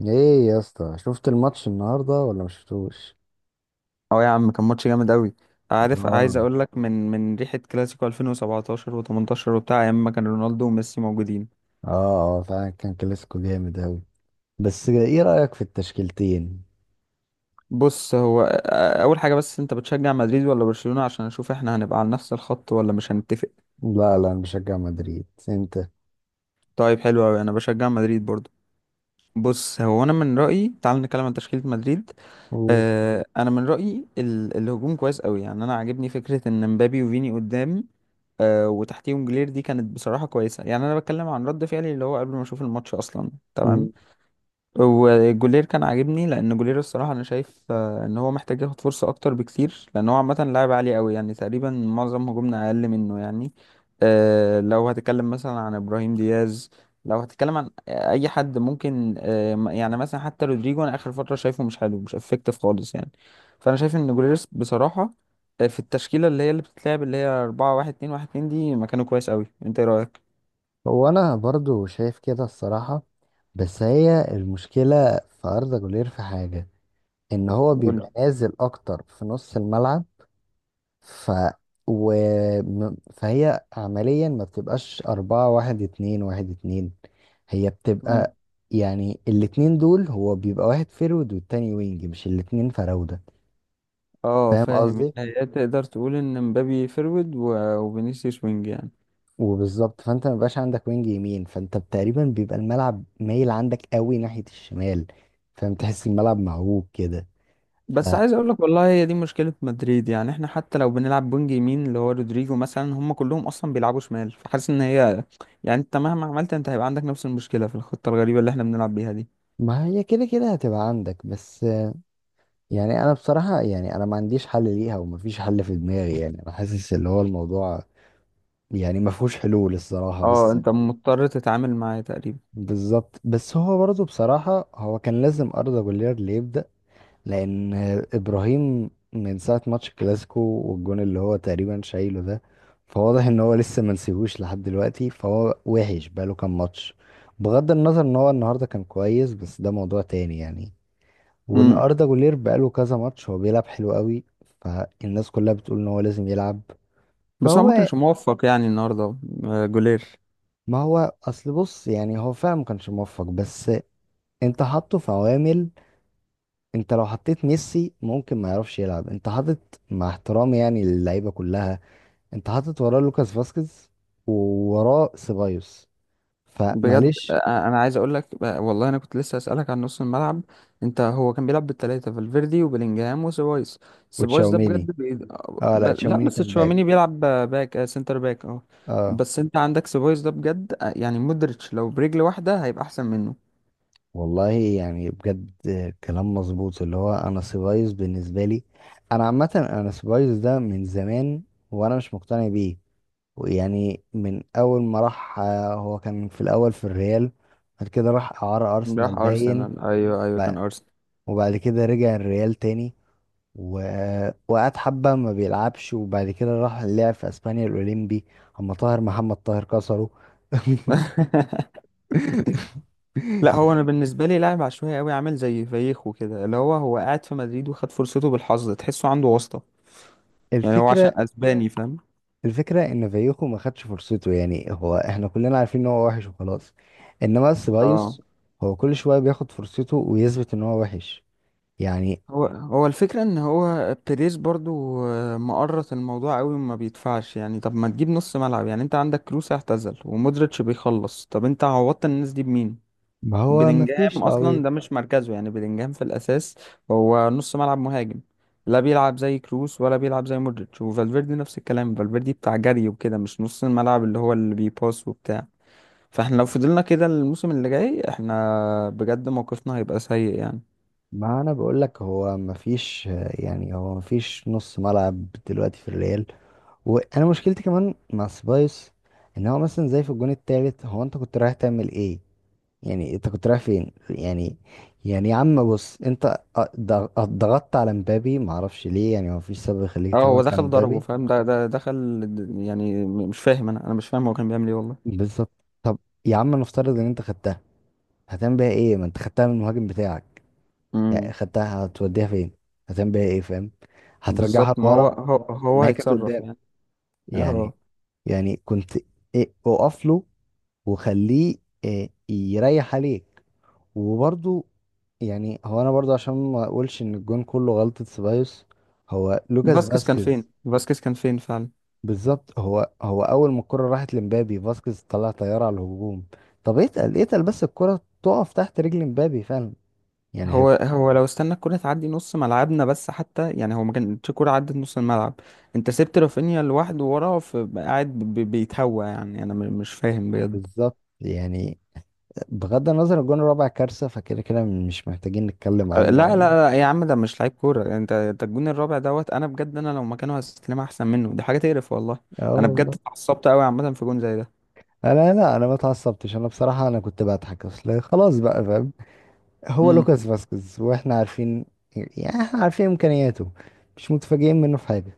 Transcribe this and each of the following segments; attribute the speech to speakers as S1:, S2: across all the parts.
S1: ايه يا اسطى، شفت الماتش النهارده ولا ما شفتوش؟
S2: اه يا عم، كان ماتش جامد قوي. عارف، عايز
S1: اه
S2: اقول لك من ريحه كلاسيكو 2017 و18 وبتاع، ايام ما كان رونالدو وميسي موجودين.
S1: اه اه فعلا كان كلاسيكو جامد اوي. بس ايه رأيك في التشكيلتين؟
S2: بص هو اول حاجه، بس انت بتشجع مدريد ولا برشلونه؟ عشان اشوف احنا هنبقى على نفس الخط ولا مش هنتفق.
S1: لا انا بشجع مدريد، انت؟
S2: طيب حلو قوي، انا بشجع مدريد برضو. بص هو انا من رايي تعال نتكلم عن تشكيله مدريد.
S1: قول.
S2: انا من رايي الهجوم كويس قوي، يعني انا عاجبني فكره ان مبابي وفيني قدام. وتحتيهم جلير، دي كانت بصراحه كويسه، يعني انا بتكلم عن رد فعلي اللي هو قبل ما اشوف الماتش اصلا، تمام.
S1: مم.
S2: وجولير كان عاجبني لان جولير الصراحه انا شايف ان هو محتاج ياخد فرصه اكتر بكتير، لان هو عامه لاعب عالي قوي يعني، تقريبا معظم هجومنا اقل منه يعني. لو هتتكلم مثلا عن ابراهيم دياز، لو هتتكلم عن اي حد ممكن يعني مثلا حتى رودريجو، انا اخر فتره شايفه مش حلو، مش افكتيف خالص يعني. فانا شايف ان جولير بصراحه في التشكيله اللي هي اللي بتتلعب اللي هي 4 1 2 1 2 دي، مكانه كويس قوي. انت ايه رايك؟
S1: هو انا برضو شايف كده الصراحة. بس هي المشكلة في أردا جولير في حاجة، ان هو بيبقى
S2: قول
S1: نازل اكتر في نص الملعب. ف و... فهي عمليا ما بتبقاش أربعة واحد اتنين واحد اتنين، هي
S2: لي.
S1: بتبقى يعني الاتنين دول هو بيبقى واحد فيرود والتاني وينج، مش الاتنين فراودة.
S2: اه
S1: فاهم
S2: فاهم.
S1: قصدي؟
S2: يعني هي تقدر تقول ان مبابي فيرود وفينيسيوس وينج يعني.
S1: وبالظبط، فانت ما بيبقاش عندك وينج يمين، فانت تقريبا بيبقى الملعب مايل عندك قوي ناحية الشمال. فاهم؟ تحس الملعب معوج كده.
S2: بس عايز اقول لك والله، هي دي مشكلة مدريد يعني، احنا حتى لو بنلعب وينج يمين اللي هو رودريجو مثلا، هم كلهم اصلا بيلعبوا شمال، فحاسس ان هي يعني انت مهما عملت انت هيبقى عندك نفس المشكلة في الخطة الغريبة اللي احنا بنلعب بيها دي.
S1: فما هي كده هتبقى عندك بس. يعني انا بصراحة، يعني انا ما عنديش حل ليها ومفيش حل في دماغي، يعني انا حاسس اللي هو الموضوع يعني ما فيهوش حلول الصراحة.
S2: اه،
S1: بس
S2: انت مضطر تتعامل معاه تقريبا.
S1: بالظبط، بس هو برضه بصراحة هو كان لازم أردا جولير اللي يبدأ، لأن إبراهيم من ساعة ماتش الكلاسيكو والجون اللي هو تقريبا شايله ده، فواضح إن هو لسه منسيهوش لحد دلوقتي، فهو وحش بقاله كام ماتش. بغض النظر إن هو النهاردة كان كويس، بس ده موضوع تاني يعني. وإن
S2: امم.
S1: أردا جولير بقاله كذا ماتش هو بيلعب حلو قوي، فالناس كلها بتقول إن هو لازم يلعب.
S2: بس هو ما
S1: فهو
S2: كانش موفق يعني النهارده، جولير.
S1: ما هو اصل بص، يعني هو فعلا ما كانش موفق، بس انت حاطه في عوامل. انت لو حطيت ميسي ممكن ما يعرفش يلعب. انت حاطط، مع احترامي يعني للعيبه كلها، انت حاطط وراه لوكاس فاسكيز، ووراه سيبايوس،
S2: بجد
S1: فمعلش.
S2: انا عايز اقول لك والله، انا كنت لسه اسالك عن نص الملعب. انت هو كان بيلعب بالثلاثه، فالفيردي وبيلينجهام وسيبايوس. سيبايوس ده
S1: وتشاوميني.
S2: بجد
S1: اه لا،
S2: لا
S1: تشاوميني
S2: بس
S1: كان باك.
S2: تشواميني بيلعب باك، سنتر باك، اه.
S1: اه
S2: بس انت عندك سيبايوس ده بجد يعني مودريتش لو برجل واحده هيبقى احسن منه.
S1: والله يعني بجد، كلام مظبوط. اللي هو انا سيبايوس بالنسبه لي، انا عامه انا سيبايوس ده من زمان وانا مش مقتنع بيه. ويعني من اول ما راح، هو كان في الاول في الريال، بعد كده راح اعاره
S2: راح
S1: ارسنال باين.
S2: ارسنال، ايوه ايوه
S1: وبع-
S2: كان ارسنال.
S1: وبعد كده رجع الريال تاني، وقعد حبه ما بيلعبش، وبعد كده راح لعب في اسبانيا الاولمبي، اما طاهر محمد طاهر كسره.
S2: لا هو انا بالنسبه لي لاعب عشوائي قوي عامل زي فايخو كده، اللي هو هو قاعد في مدريد وخد فرصته بالحظ، تحسه عنده واسطه. يعني هو عشان
S1: الفكرة،
S2: اسباني فاهم.
S1: الفكرة ان فايوخو ما خدش فرصته، يعني هو احنا كلنا عارفين ان هو وحش وخلاص. انما
S2: اه.
S1: سيبايوس هو كل شوية بياخد فرصته ويثبت ان هو وحش يعني.
S2: هو الفكرة ان هو بيريز برضو مقرط الموضوع قوي وما بيدفعش يعني. طب ما تجيب نص ملعب؟ يعني انت عندك كروس اعتزل ومودريتش بيخلص، طب انت عوضت الناس دي بمين؟
S1: ما هو مفيش
S2: بلينجهام
S1: تعويض.
S2: اصلا ده مش مركزه، يعني بلينجهام في الاساس هو نص ملعب مهاجم، لا بيلعب زي كروس ولا بيلعب زي مودريتش، وفالفيردي نفس الكلام، فالفيردي بتاع جري وكده مش نص الملعب اللي هو اللي بيباس وبتاع. فاحنا لو فضلنا كده الموسم اللي جاي احنا بجد موقفنا هيبقى سيء يعني.
S1: ما انا بقول لك هو مفيش، يعني هو مفيش نص ملعب دلوقتي في الريال. وانا مشكلتي كمان مع سبايس، ان هو مثلا زي في الجون التالت، هو انت كنت رايح تعمل ايه؟ يعني انت كنت رايح فين يعني؟ يعني يا عم بص انت، ضغطت على مبابي معرفش ليه. يعني هو مفيش سبب
S2: اه
S1: يخليك
S2: هو
S1: تضغط على
S2: دخل ضربه
S1: مبابي.
S2: فاهم، ده دخل. يعني مش فاهم، انا مش فاهم هو كان بيعمل ايه والله.
S1: بالظبط. طب يا عم، نفترض ان انت خدتها، هتعمل بيها ايه؟ ما انت خدتها من المهاجم بتاعك. يعني
S2: امم.
S1: خدتها هتوديها فين؟ هتعمل بيها ايه؟ فاهم؟ هترجعها
S2: بالظبط، ما هو
S1: لورا.
S2: هو هو,
S1: طب
S2: هو
S1: ما هي كانت
S2: هيتصرف
S1: قدام.
S2: يعني. اه.
S1: يعني، يعني كنت إيه، اقف له وخليه، إيه، يريح عليك. وبرضو، يعني هو انا برضو عشان ما اقولش ان الجون كله غلطة سيبايوس، هو
S2: هو
S1: لوكاس
S2: فاسكيز كان فين،
S1: فاسكيز.
S2: فاسكيز كان فين فعلا.
S1: بالظبط. هو اول ما الكرة راحت لمبابي، فاسكيز طلع طيارة على الهجوم. طب اتقل، اتقل بس، الكرة تقف تحت رجل مبابي فعلا. يعني هي،
S2: هو لو استنى الكرة تعدي نص ملعبنا بس حتى، يعني هو ما كانتش كرة عدت نص الملعب. انت سبت رافينيا لوحده وراه، فقاعد بيتهوى يعني، انا مش فاهم بجد.
S1: بالظبط. يعني بغض النظر الجون الرابع كارثة، فكده كده مش محتاجين نتكلم
S2: لا
S1: عنه
S2: لا
S1: يعني.
S2: لا يا عم، ده مش لعيب كورة. انت الجون الرابع دوت، انا بجد انا لو مكانه هستلمها احسن منه، دي حاجة تقرف والله.
S1: اه
S2: انا بجد
S1: والله.
S2: اتعصبت قوي عامة في جون زي ده.
S1: انا لا، انا ما اتعصبتش، انا بصراحة انا كنت بضحك. اصل خلاص بقى فاهم، هو
S2: امم.
S1: لوكاس فاسكيز، واحنا عارفين يعني، احنا عارفين امكانياته، مش متفاجئين منه في حاجة.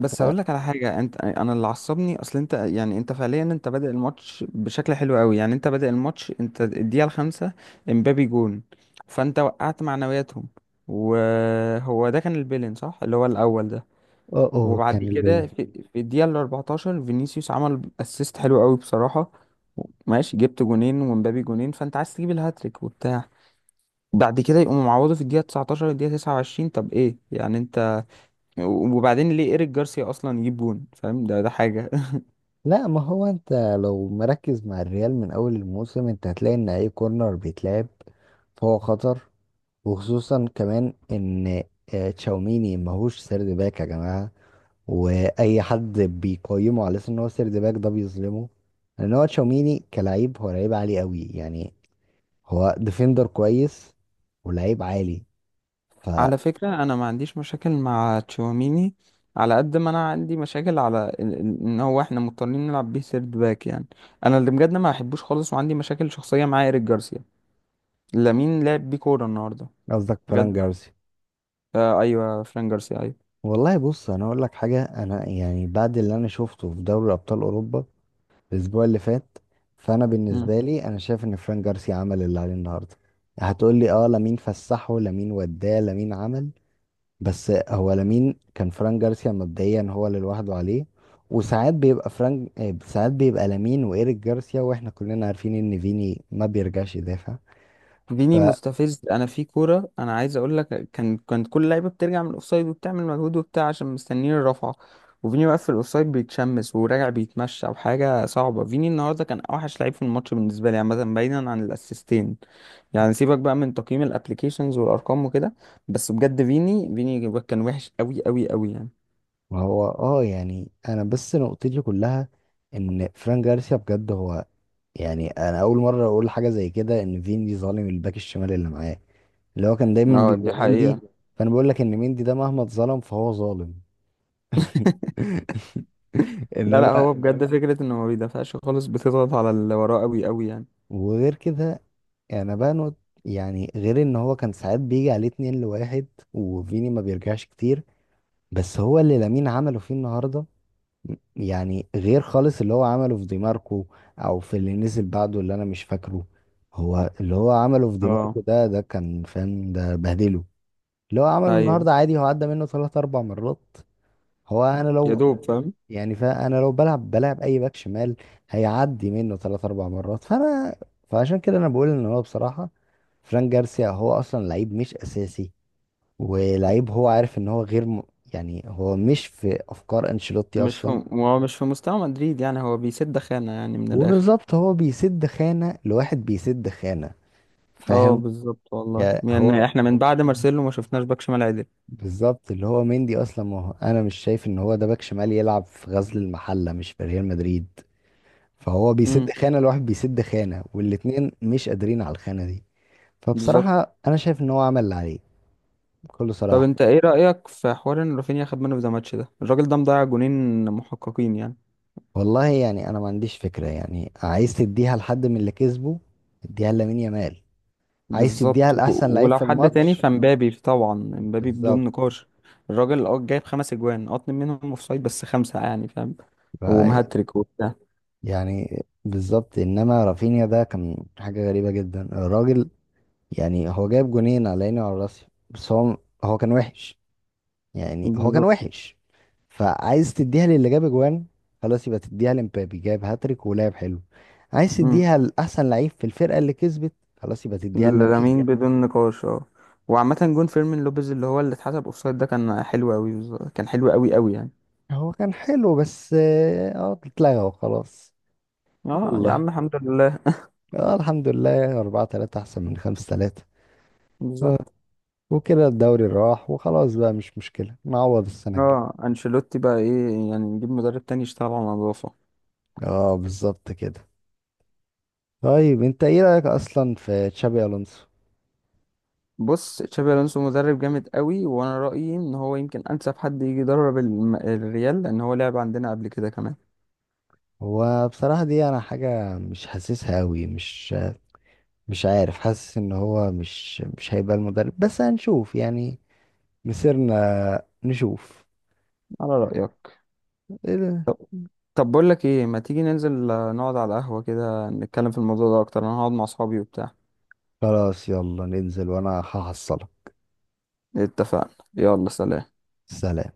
S1: ف
S2: بس هقول لك على حاجة، انت انا اللي عصبني اصل انت، يعني انت فعليا انت بادئ الماتش بشكل حلو قوي، يعني انت بادئ الماتش، انت الدقيقة الخامسة امبابي جون، فانت وقعت معنوياتهم. وهو ده كان البيلين، صح؟ اللي هو الاول ده.
S1: اوه،
S2: وبعد
S1: كان
S2: كده
S1: البيل.
S2: في الدقيقة ال 14 فينيسيوس عمل اسيست حلو قوي بصراحة. ماشي جبت جونين ومبابي جونين، فانت عايز تجيب الهاتريك وبتاع. بعد كده يقوموا معوضوا في الدقيقة 19 الدقيقة 29، طب ايه يعني انت؟ وبعدين ليه ايريك جارسيا اصلا يجيب جون؟ فاهم، ده حاجة.
S1: لا، ما هو انت لو مركز مع الريال من اول الموسم، انت هتلاقي ان اي كورنر بيتلعب فهو خطر. وخصوصا كمان ان، تشاوميني ماهوش سرد باك يا جماعة، واي حد بيقيمه على اساس ان هو سيرد باك ده بيظلمه. لان هو تشاوميني كلاعب هو لعيب عالي قوي يعني، هو ديفندر كويس ولعيب عالي.
S2: على فكرة انا ما عنديش مشاكل مع تشواميني، على قد ما انا عندي مشاكل على ان هو احنا مضطرين نلعب بيه سيرد باك يعني. انا اللي بجد ما بحبوش خالص وعندي مشاكل شخصية مع ايريك جارسيا، لامين لعب بيه كورة النهاردة
S1: فقصدك فران
S2: بجد.
S1: جارسيا.
S2: آه ايوه، فران جارسيا.
S1: والله بص، انا اقول لك حاجه. انا يعني بعد اللي انا شفته في دوري ابطال اوروبا الاسبوع اللي فات، فانا
S2: ايوه.
S1: بالنسبه لي انا شايف ان فران جارسيا عمل اللي عليه النهارده. هتقول لي اه، لامين فسحه، لامين وداه، لامين عمل. بس هو لامين كان فران جارسيا مبدئيا هو اللي لوحده عليه. وساعات بيبقى فرانك، ساعات بيبقى لامين وإيريك جارسيا، واحنا كلنا عارفين ان فيني ما بيرجعش يدافع.
S2: ديني مستفز، انا في كوره انا عايز اقول لك كانت كل لعيبه بترجع من الاوفسايد وبتعمل مجهود وبتاع عشان مستنيين الرفعه، وفيني واقف في الاوفسايد بيتشمس وراجع بيتمشى وحاجه صعبه. فيني النهارده كان اوحش لعيب في الماتش بالنسبه لي عامه، بعيدا عن الاسيستين يعني، سيبك بقى من تقييم الابلكيشنز والارقام وكده. بس بجد فيني كان وحش قوي قوي قوي يعني.
S1: فهو اه، يعني انا بس نقطتي كلها ان فران جارسيا بجد هو، يعني انا اول مرة اقول حاجة زي كده، ان فيني ظالم الباك الشمال اللي معاه، اللي هو كان دايما
S2: اه دي
S1: بيبقى مندي.
S2: حقيقه.
S1: فانا بقول لك ان مندي ده مهما اتظلم فهو ظالم.
S2: لا
S1: انما،
S2: لا، هو بجد فكره انه ما بيدافعش خالص بتضغط على اللي وراه قوي قوي يعني.
S1: وغير كده، يعني بانو، يعني غير ان هو كان ساعات بيجي عليه اتنين لواحد وفيني ما بيرجعش كتير. بس هو اللي لامين عمله فيه النهارده، يعني غير خالص اللي هو عمله في ديماركو او في اللي نزل بعده اللي انا مش فاكره. هو اللي هو عمله في
S2: اه.
S1: ديماركو ده، ده كان فاهم ده بهدله. اللي هو عمله
S2: ايوه،
S1: النهارده عادي، هو عدى منه ثلاث اربع مرات. هو انا
S2: يا
S1: لو،
S2: دوب فاهم.
S1: يعني فانا لو بلعب، بلعب اي باك شمال هيعدي منه ثلاث اربع مرات. فانا، فعشان كده انا بقول ان هو بصراحه فران جارسيا هو اصلا لعيب مش اساسي، ولعيب هو عارف ان هو غير يعني هو مش في افكار انشيلوتي
S2: مش في،
S1: اصلا.
S2: هو مش في مستوى مدريد يعني، هو بيسد خانة يعني من الآخر.
S1: وبالظبط، هو بيسد خانه لواحد بيسد خانه،
S2: اه
S1: فاهم
S2: بالظبط والله،
S1: يعني؟
S2: يعني احنا من بعد مارسيلو ما شفناش باك شمال عدل.
S1: بالظبط. اللي هو مندي اصلا، ما هو انا مش شايف ان هو ده باك شمال، يلعب في غزل المحله مش في ريال مدريد. فهو بيسد
S2: امم.
S1: خانة. الواحد بيسد خانة، والاتنين مش قادرين على الخانة دي.
S2: بالظبط.
S1: فبصراحة أنا شايف إن هو عمل اللي عليه، بكل
S2: طب
S1: صراحة.
S2: انت ايه رأيك في حوار ان رافينيا خد منه في ذا ماتش ده؟ الراجل ده مضيع جونين محققين يعني.
S1: والله يعني أنا ما عنديش فكرة. يعني عايز تديها لحد من اللي كسبه، اديها لامين يامال. عايز تديها
S2: بالظبط،
S1: لأحسن لعيب
S2: ولو
S1: في
S2: حد تاني
S1: الماتش،
S2: فمبابي طبعا، مبابي بدون
S1: بالظبط.
S2: نقاش. الراجل اه جايب خمس اجوان، اه اتنين منهم اوفسايد، بس خمسة يعني فاهم.
S1: ف
S2: هو مهاتريك وبتاع.
S1: يعني بالظبط. إنما رافينيا ده كان حاجة غريبة جدا الراجل، يعني هو جايب جونين على عيني وعلى راسي، بس هو، هو كان وحش يعني، هو كان
S2: بالظبط.
S1: وحش. فعايز تديها للي جاب اجوان، خلاص يبقى تديها لمبابي، جاب هاتريك ولعب حلو. عايز تديها لاحسن لعيب في الفرقه اللي كسبت، خلاص يبقى تديها لامين.
S2: لامين بدون نقاش، اه. وعامة جون فيرمين لوبيز اللي هو اللي اتحسب اوفسايد ده كان حلو قوي، بالظبط كان حلو قوي قوي يعني.
S1: هو كان حلو، بس اه، اتلغى وخلاص.
S2: اه يا
S1: يلا،
S2: عم الحمد لله.
S1: اه الحمد لله، 4-3 احسن من 5-3. اه،
S2: بالظبط.
S1: وكده الدوري راح وخلاص بقى، مش مشكله، نعوض السنه الجايه.
S2: اه انشيلوتي بقى ايه يعني؟ نجيب مدرب تاني يشتغل على النظافة.
S1: اه بالظبط كده. طيب انت ايه رايك اصلا في تشابي الونسو؟
S2: بص تشابي الونسو مدرب جامد قوي، وانا رأيي ان هو يمكن انسب حد يجي يدرب الريال، لان هو لعب عندنا قبل كده كمان.
S1: هو بصراحة دي أنا حاجة مش حاسسها أوي، مش مش عارف، حاسس إن هو مش مش هيبقى المدرب، بس هنشوف يعني، مسيرنا نشوف.
S2: على رأيك.
S1: إيه ده؟
S2: طب. طب بقول لك ايه، ما تيجي ننزل نقعد على قهوة كده نتكلم في الموضوع ده اكتر، انا هقعد مع اصحابي وبتاع.
S1: خلاص يلا ننزل وأنا هحصلك.
S2: اتفقنا. يلا سلام.
S1: سلام.